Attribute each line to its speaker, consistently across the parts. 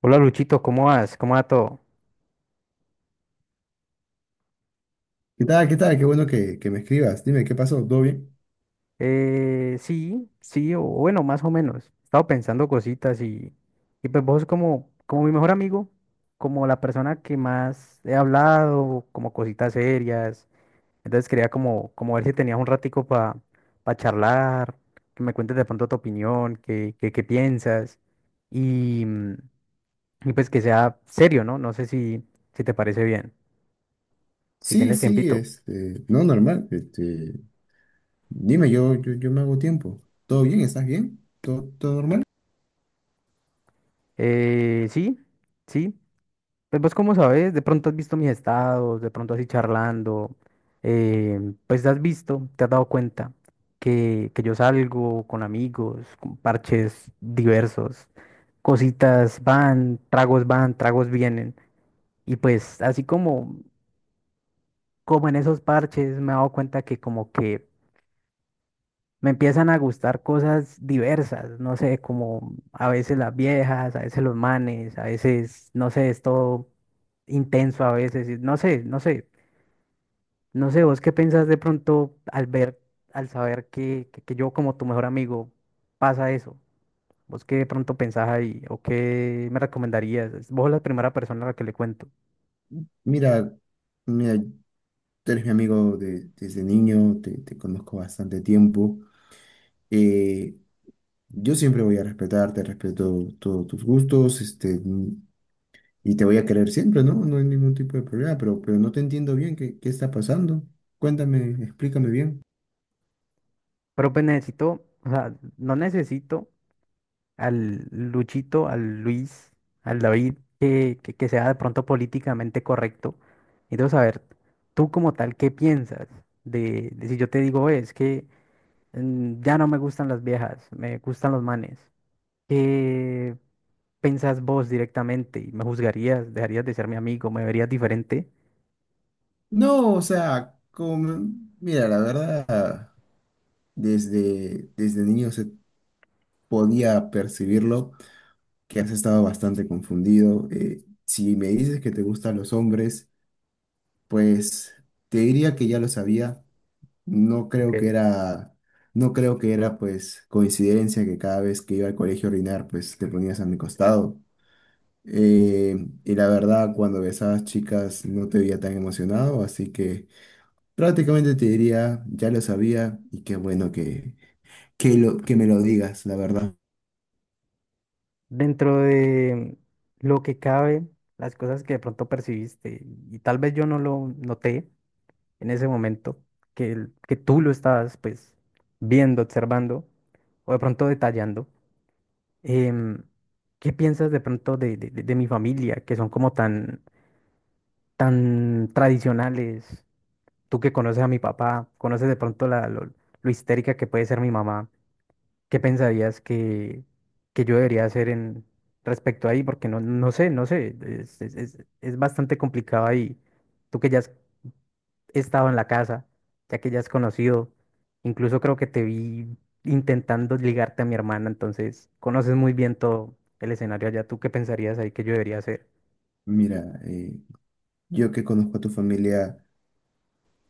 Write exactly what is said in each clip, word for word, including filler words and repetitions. Speaker 1: Hola Luchito, ¿cómo vas? ¿Cómo va todo?
Speaker 2: ¿Qué tal? ¿Qué tal? Qué bueno que, que me escribas. Dime, ¿qué pasó? ¿Todo bien?
Speaker 1: Eh, sí, sí, o bueno, más o menos. He estado pensando cositas y, y pues vos como, como mi mejor amigo, como la persona que más he hablado, como cositas serias. Entonces quería como, como ver si tenías un ratico para charlar, que me cuentes de pronto tu opinión, qué, qué, qué piensas y, mm, y pues que sea serio, ¿no? No sé si, si te parece bien, si
Speaker 2: Sí,
Speaker 1: tienes
Speaker 2: sí,
Speaker 1: tiempito.
Speaker 2: este, no, normal. Este, dime, yo, yo, yo me hago tiempo. ¿Todo bien? ¿Estás bien? ¿Todo, todo normal?
Speaker 1: Eh, sí, sí. Pues vos cómo sabes, de pronto has visto mis estados, de pronto así charlando, eh, pues has visto, te has dado cuenta que, que yo salgo con amigos, con parches diversos, cositas van, tragos van, tragos vienen, y pues así como, como en esos parches me he dado cuenta que como que me empiezan a gustar cosas diversas, no sé, como a veces las viejas, a veces los manes, a veces, no sé, es todo intenso a veces, y no sé, no sé. No sé, vos qué pensás de pronto al ver, al saber que, que, que yo como tu mejor amigo pasa eso. ¿Vos qué de pronto pensás ahí o qué me recomendarías? Es- Vos la primera persona a la que le cuento.
Speaker 2: Mira, mira, tú eres mi amigo de- desde niño, te, te conozco bastante tiempo. Eh, yo siempre voy a respetarte, respeto todos tus gustos, este, y te voy a querer siempre, ¿no? No hay ningún tipo de problema, pero, pero no te entiendo bien qué, qué está pasando. Cuéntame, explícame bien.
Speaker 1: Pero pues necesito, o sea, no necesito al Luchito, al Luis, al David, que, que, que sea de pronto políticamente correcto, y debo saber, tú como tal, ¿qué piensas de, de si yo te digo: "Oye, es que mm, ya no me gustan las viejas, me gustan los manes"? Pensás vos directamente y me juzgarías, dejarías de ser mi amigo, me verías diferente.
Speaker 2: No, o sea, como, mira, la verdad, desde, desde niño se podía percibirlo, que has estado bastante confundido. Eh, si me dices que te gustan los hombres, pues te diría que ya lo sabía. No creo que
Speaker 1: Ok.
Speaker 2: era, no creo que era pues coincidencia que cada vez que iba al colegio a orinar, pues te ponías a mi costado. Eh, y la verdad, cuando besabas chicas no te veía tan emocionado, así que... Prácticamente te diría, ya lo sabía y qué bueno que, que, lo, que me lo digas, la verdad.
Speaker 1: Dentro de lo que cabe, las cosas que de pronto percibiste y tal vez yo no lo noté en ese momento, que, el- que tú lo estabas pues viendo, observando o de pronto detallando. em, ¿Qué piensas de pronto de, de- de- de mi familia, que son como tan, tan tradicionales? Tú que conoces a mi papá, conoces de pronto la, lo, lo histérica que puede ser mi mamá. ¿Qué pensarías que, que yo debería hacer en respecto ahí? Porque no, no sé, no sé, es, es, es- es bastante complicado ahí. Tú que ya has estado en la casa, ya que ya has conocido, incluso creo que te vi intentando ligarte a mi hermana, entonces conoces muy bien todo el escenario allá. ¿Tú qué pensarías ahí que yo debería hacer?
Speaker 2: Mira, eh, yo que conozco a tu familia,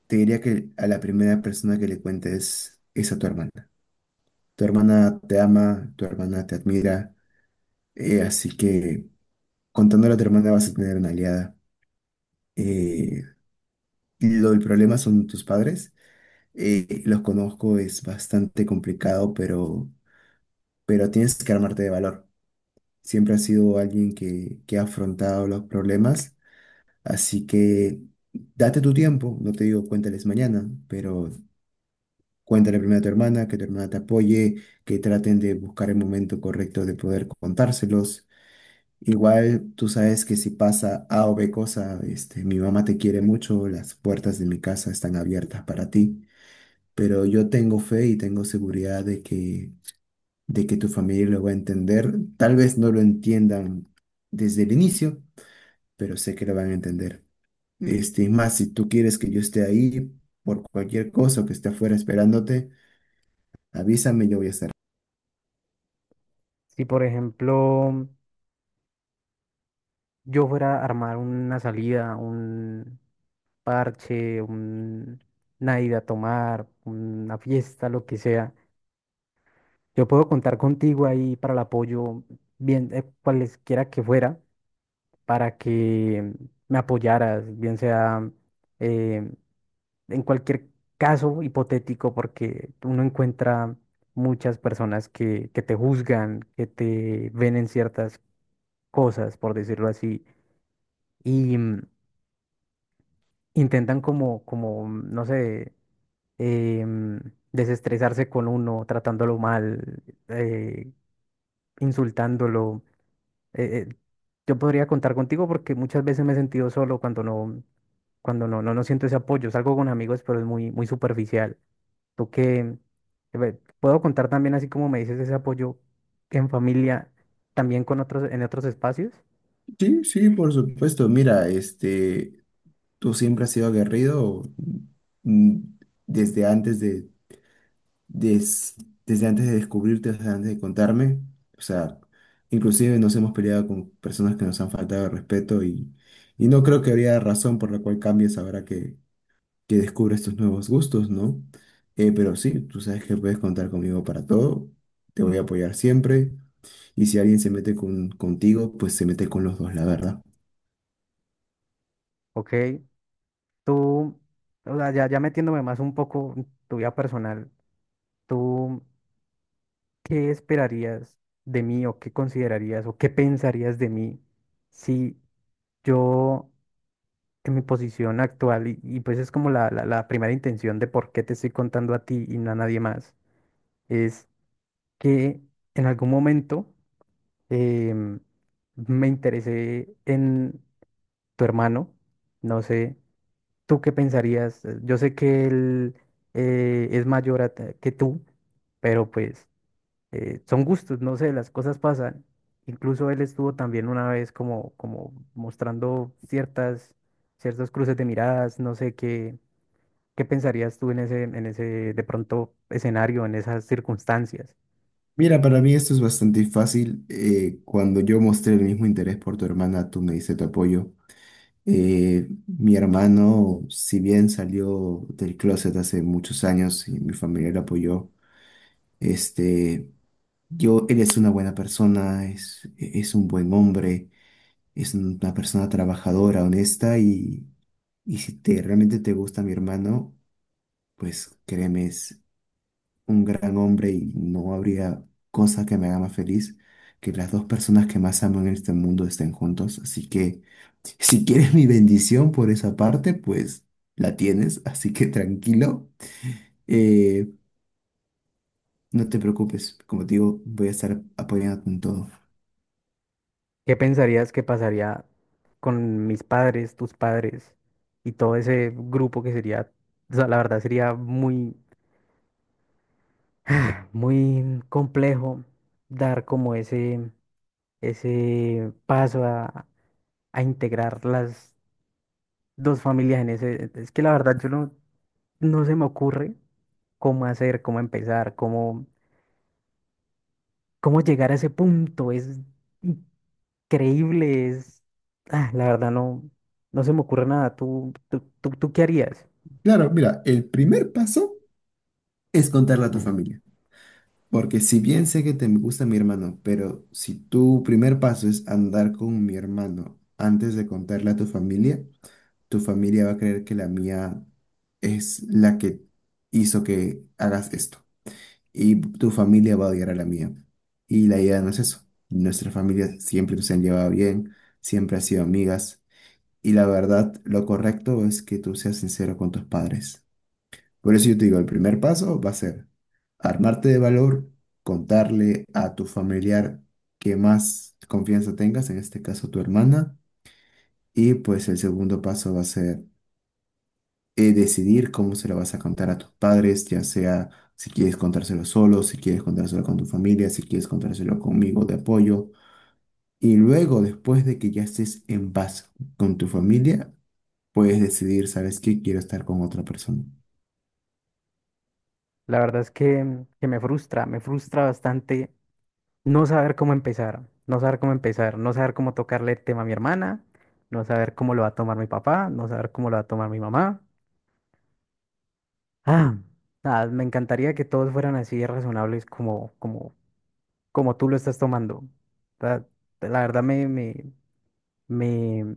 Speaker 2: te diría que a la primera persona que le cuentes es a tu hermana. Tu hermana te ama, tu hermana te admira, eh, así que contándole a tu hermana vas a tener una aliada. Eh, lo, el problema son tus padres, eh, los conozco, es bastante complicado, pero, pero tienes que armarte de valor. Siempre has sido alguien que, que ha afrontado los problemas, así que date tu tiempo, no te digo cuéntales mañana, pero cuéntale primero a tu hermana, que tu hermana te apoye, que traten de buscar el momento correcto de poder contárselos. Igual tú sabes que si pasa A o B cosa, este, mi mamá te quiere mucho, las puertas de mi casa están abiertas para ti, pero yo tengo fe y tengo seguridad de que, de que tu familia lo va a entender. Tal vez no lo entiendan desde el inicio, pero sé que lo van a entender. Este, y más, si tú quieres que yo esté ahí por cualquier cosa o que esté afuera esperándote, avísame, yo voy a estar.
Speaker 1: Si, por ejemplo, yo fuera a armar una salida, un parche, un, una ida a tomar, una fiesta, lo que sea. Yo puedo contar contigo ahí para el apoyo, bien, eh, cualesquiera que fuera, para que me apoyaras, bien sea eh, en cualquier caso hipotético, porque uno encuentra muchas personas que, que te juzgan, que te ven en ciertas cosas, por decirlo así, y mm, intentan como, como, mm, no sé, eh, mm, desestresarse con uno, tratándolo mal, eh, insultándolo. eh, eh, yo podría contar contigo porque muchas veces me he sentido solo cuando no, cuando no, no, no siento ese apoyo. Salgo con amigos, pero es muy, muy superficial. Tú que ve, puedo contar también, así como me dices, ese apoyo en familia, también con otros, en otros espacios.
Speaker 2: Sí, sí, por supuesto. Mira, este, tú siempre has sido aguerrido mm, desde antes de, des- desde antes de descubrirte, desde antes de contarme. O sea, inclusive nos hemos peleado con personas que nos han faltado el respeto y, y no creo que habría razón por la cual cambies ahora que que descubres estos nuevos gustos, ¿no? Eh, pero sí, tú sabes que puedes contar conmigo para todo, te voy a apoyar siempre y si alguien se mete con, contigo, pues se mete con los dos, la verdad.
Speaker 1: Ok, tú, o sea, ya, ya metiéndome más un poco en tu vida personal, ¿tú qué esperarías de mí o qué considerarías o qué pensarías de mí si yo que mi posición actual y, y pues es como la, la, la primera intención de por qué te estoy contando a ti y no a nadie más, es que en algún momento em, me interesé en tu hermano, no sé, ¿tú qué pensarías? Eh, Yo sé que él eh, es mayor a t- que tú, pero pues eh, son gustos, no sé, las cosas pasan. Incluso él estuvo también una vez como, como mostrando ciertas, ciertos cruces de miradas, no sé qué. ¿Qué pensarías tú en ese, en ese de pronto escenario, en esas circunstancias?
Speaker 2: Mira, para mí esto es bastante fácil. Eh, cuando yo mostré el mismo interés por tu hermana, tú me diste tu apoyo. Eh, mi hermano, si bien salió del closet hace muchos años y mi familia lo apoyó, este, yo, él es una buena persona, es, es un buen hombre, es una persona trabajadora, honesta y, y si te, realmente te gusta mi hermano, pues créeme, es un gran hombre y no habría cosa que me haga más feliz que las dos personas que más amo en este mundo estén juntos. Así que si quieres mi bendición por esa parte, pues la tienes, así que tranquilo. Eh, no te preocupes, como te digo, voy a estar apoyándote en todo.
Speaker 1: ¿Qué pensarías que pasaría con mis padres, tus padres y todo ese grupo que sería, o sea, la verdad sería muy, muy complejo dar como ese, ese paso a, a integrar las dos familias en ese. Es que la verdad yo no, no se me ocurre cómo hacer, cómo empezar, cómo, cómo llegar a ese punto. Es creíbles. Ah, la verdad no, no se me ocurre nada. ¿Tú, tú, tú, tú qué harías?
Speaker 2: Claro, mira, el primer paso es contarle a tu familia. Porque si bien sé que te gusta mi hermano, pero si tu primer paso es andar con mi hermano antes de contarle a tu familia, tu familia va a creer que la mía es la que hizo que hagas esto. Y tu familia va a odiar a la mía. Y la idea no es eso. Nuestras familias siempre se han llevado bien, siempre han sido amigas. Y la verdad, lo correcto es que tú seas sincero con tus padres. Por eso yo te digo, el primer paso va a ser armarte de valor, contarle a tu familiar que más confianza tengas, en este caso tu hermana, y pues el segundo paso va a ser eh, decidir cómo se lo vas a contar a tus padres, ya sea si quieres contárselo solo, si quieres contárselo con tu familia, si quieres contárselo conmigo de apoyo. Y luego, después de que ya estés en paz con tu familia, puedes decidir, ¿sabes qué? Quiero estar con otra persona.
Speaker 1: La verdad es que, que me frustra, me frustra bastante no saber cómo empezar, no saber cómo empezar, no saber cómo tocarle el tema a mi hermana, no saber cómo lo va a tomar mi papá, no saber cómo lo va a tomar mi mamá. Ah, nada, me encantaría que todos fueran así de razonables como, como, como tú lo estás tomando. La, la verdad me, me, me,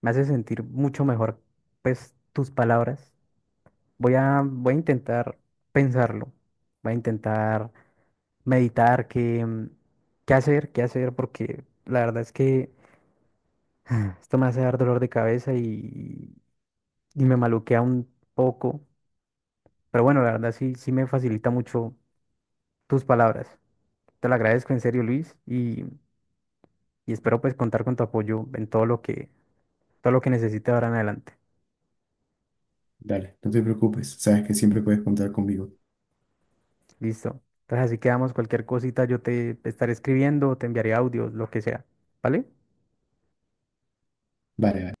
Speaker 1: me hace sentir mucho mejor, pues, tus palabras. Voy a, voy a intentar pensarlo. Voy a intentar meditar qué, mm, qué hacer, qué hacer, porque la verdad es que esto me hace dar dolor de cabeza y, y me maluquea un poco. Pero bueno, la verdad sí, sí me facilita mucho tus palabras. Te lo agradezco en serio, Luis, y, y espero pues contar con tu apoyo en todo lo que, todo lo que necesite ahora en adelante.
Speaker 2: Dale, no te preocupes, sabes que siempre puedes contar conmigo.
Speaker 1: Listo. Entonces así quedamos, cualquier cosita yo te estaré escribiendo, te enviaré audios, lo que sea. ¿Vale?
Speaker 2: Vale.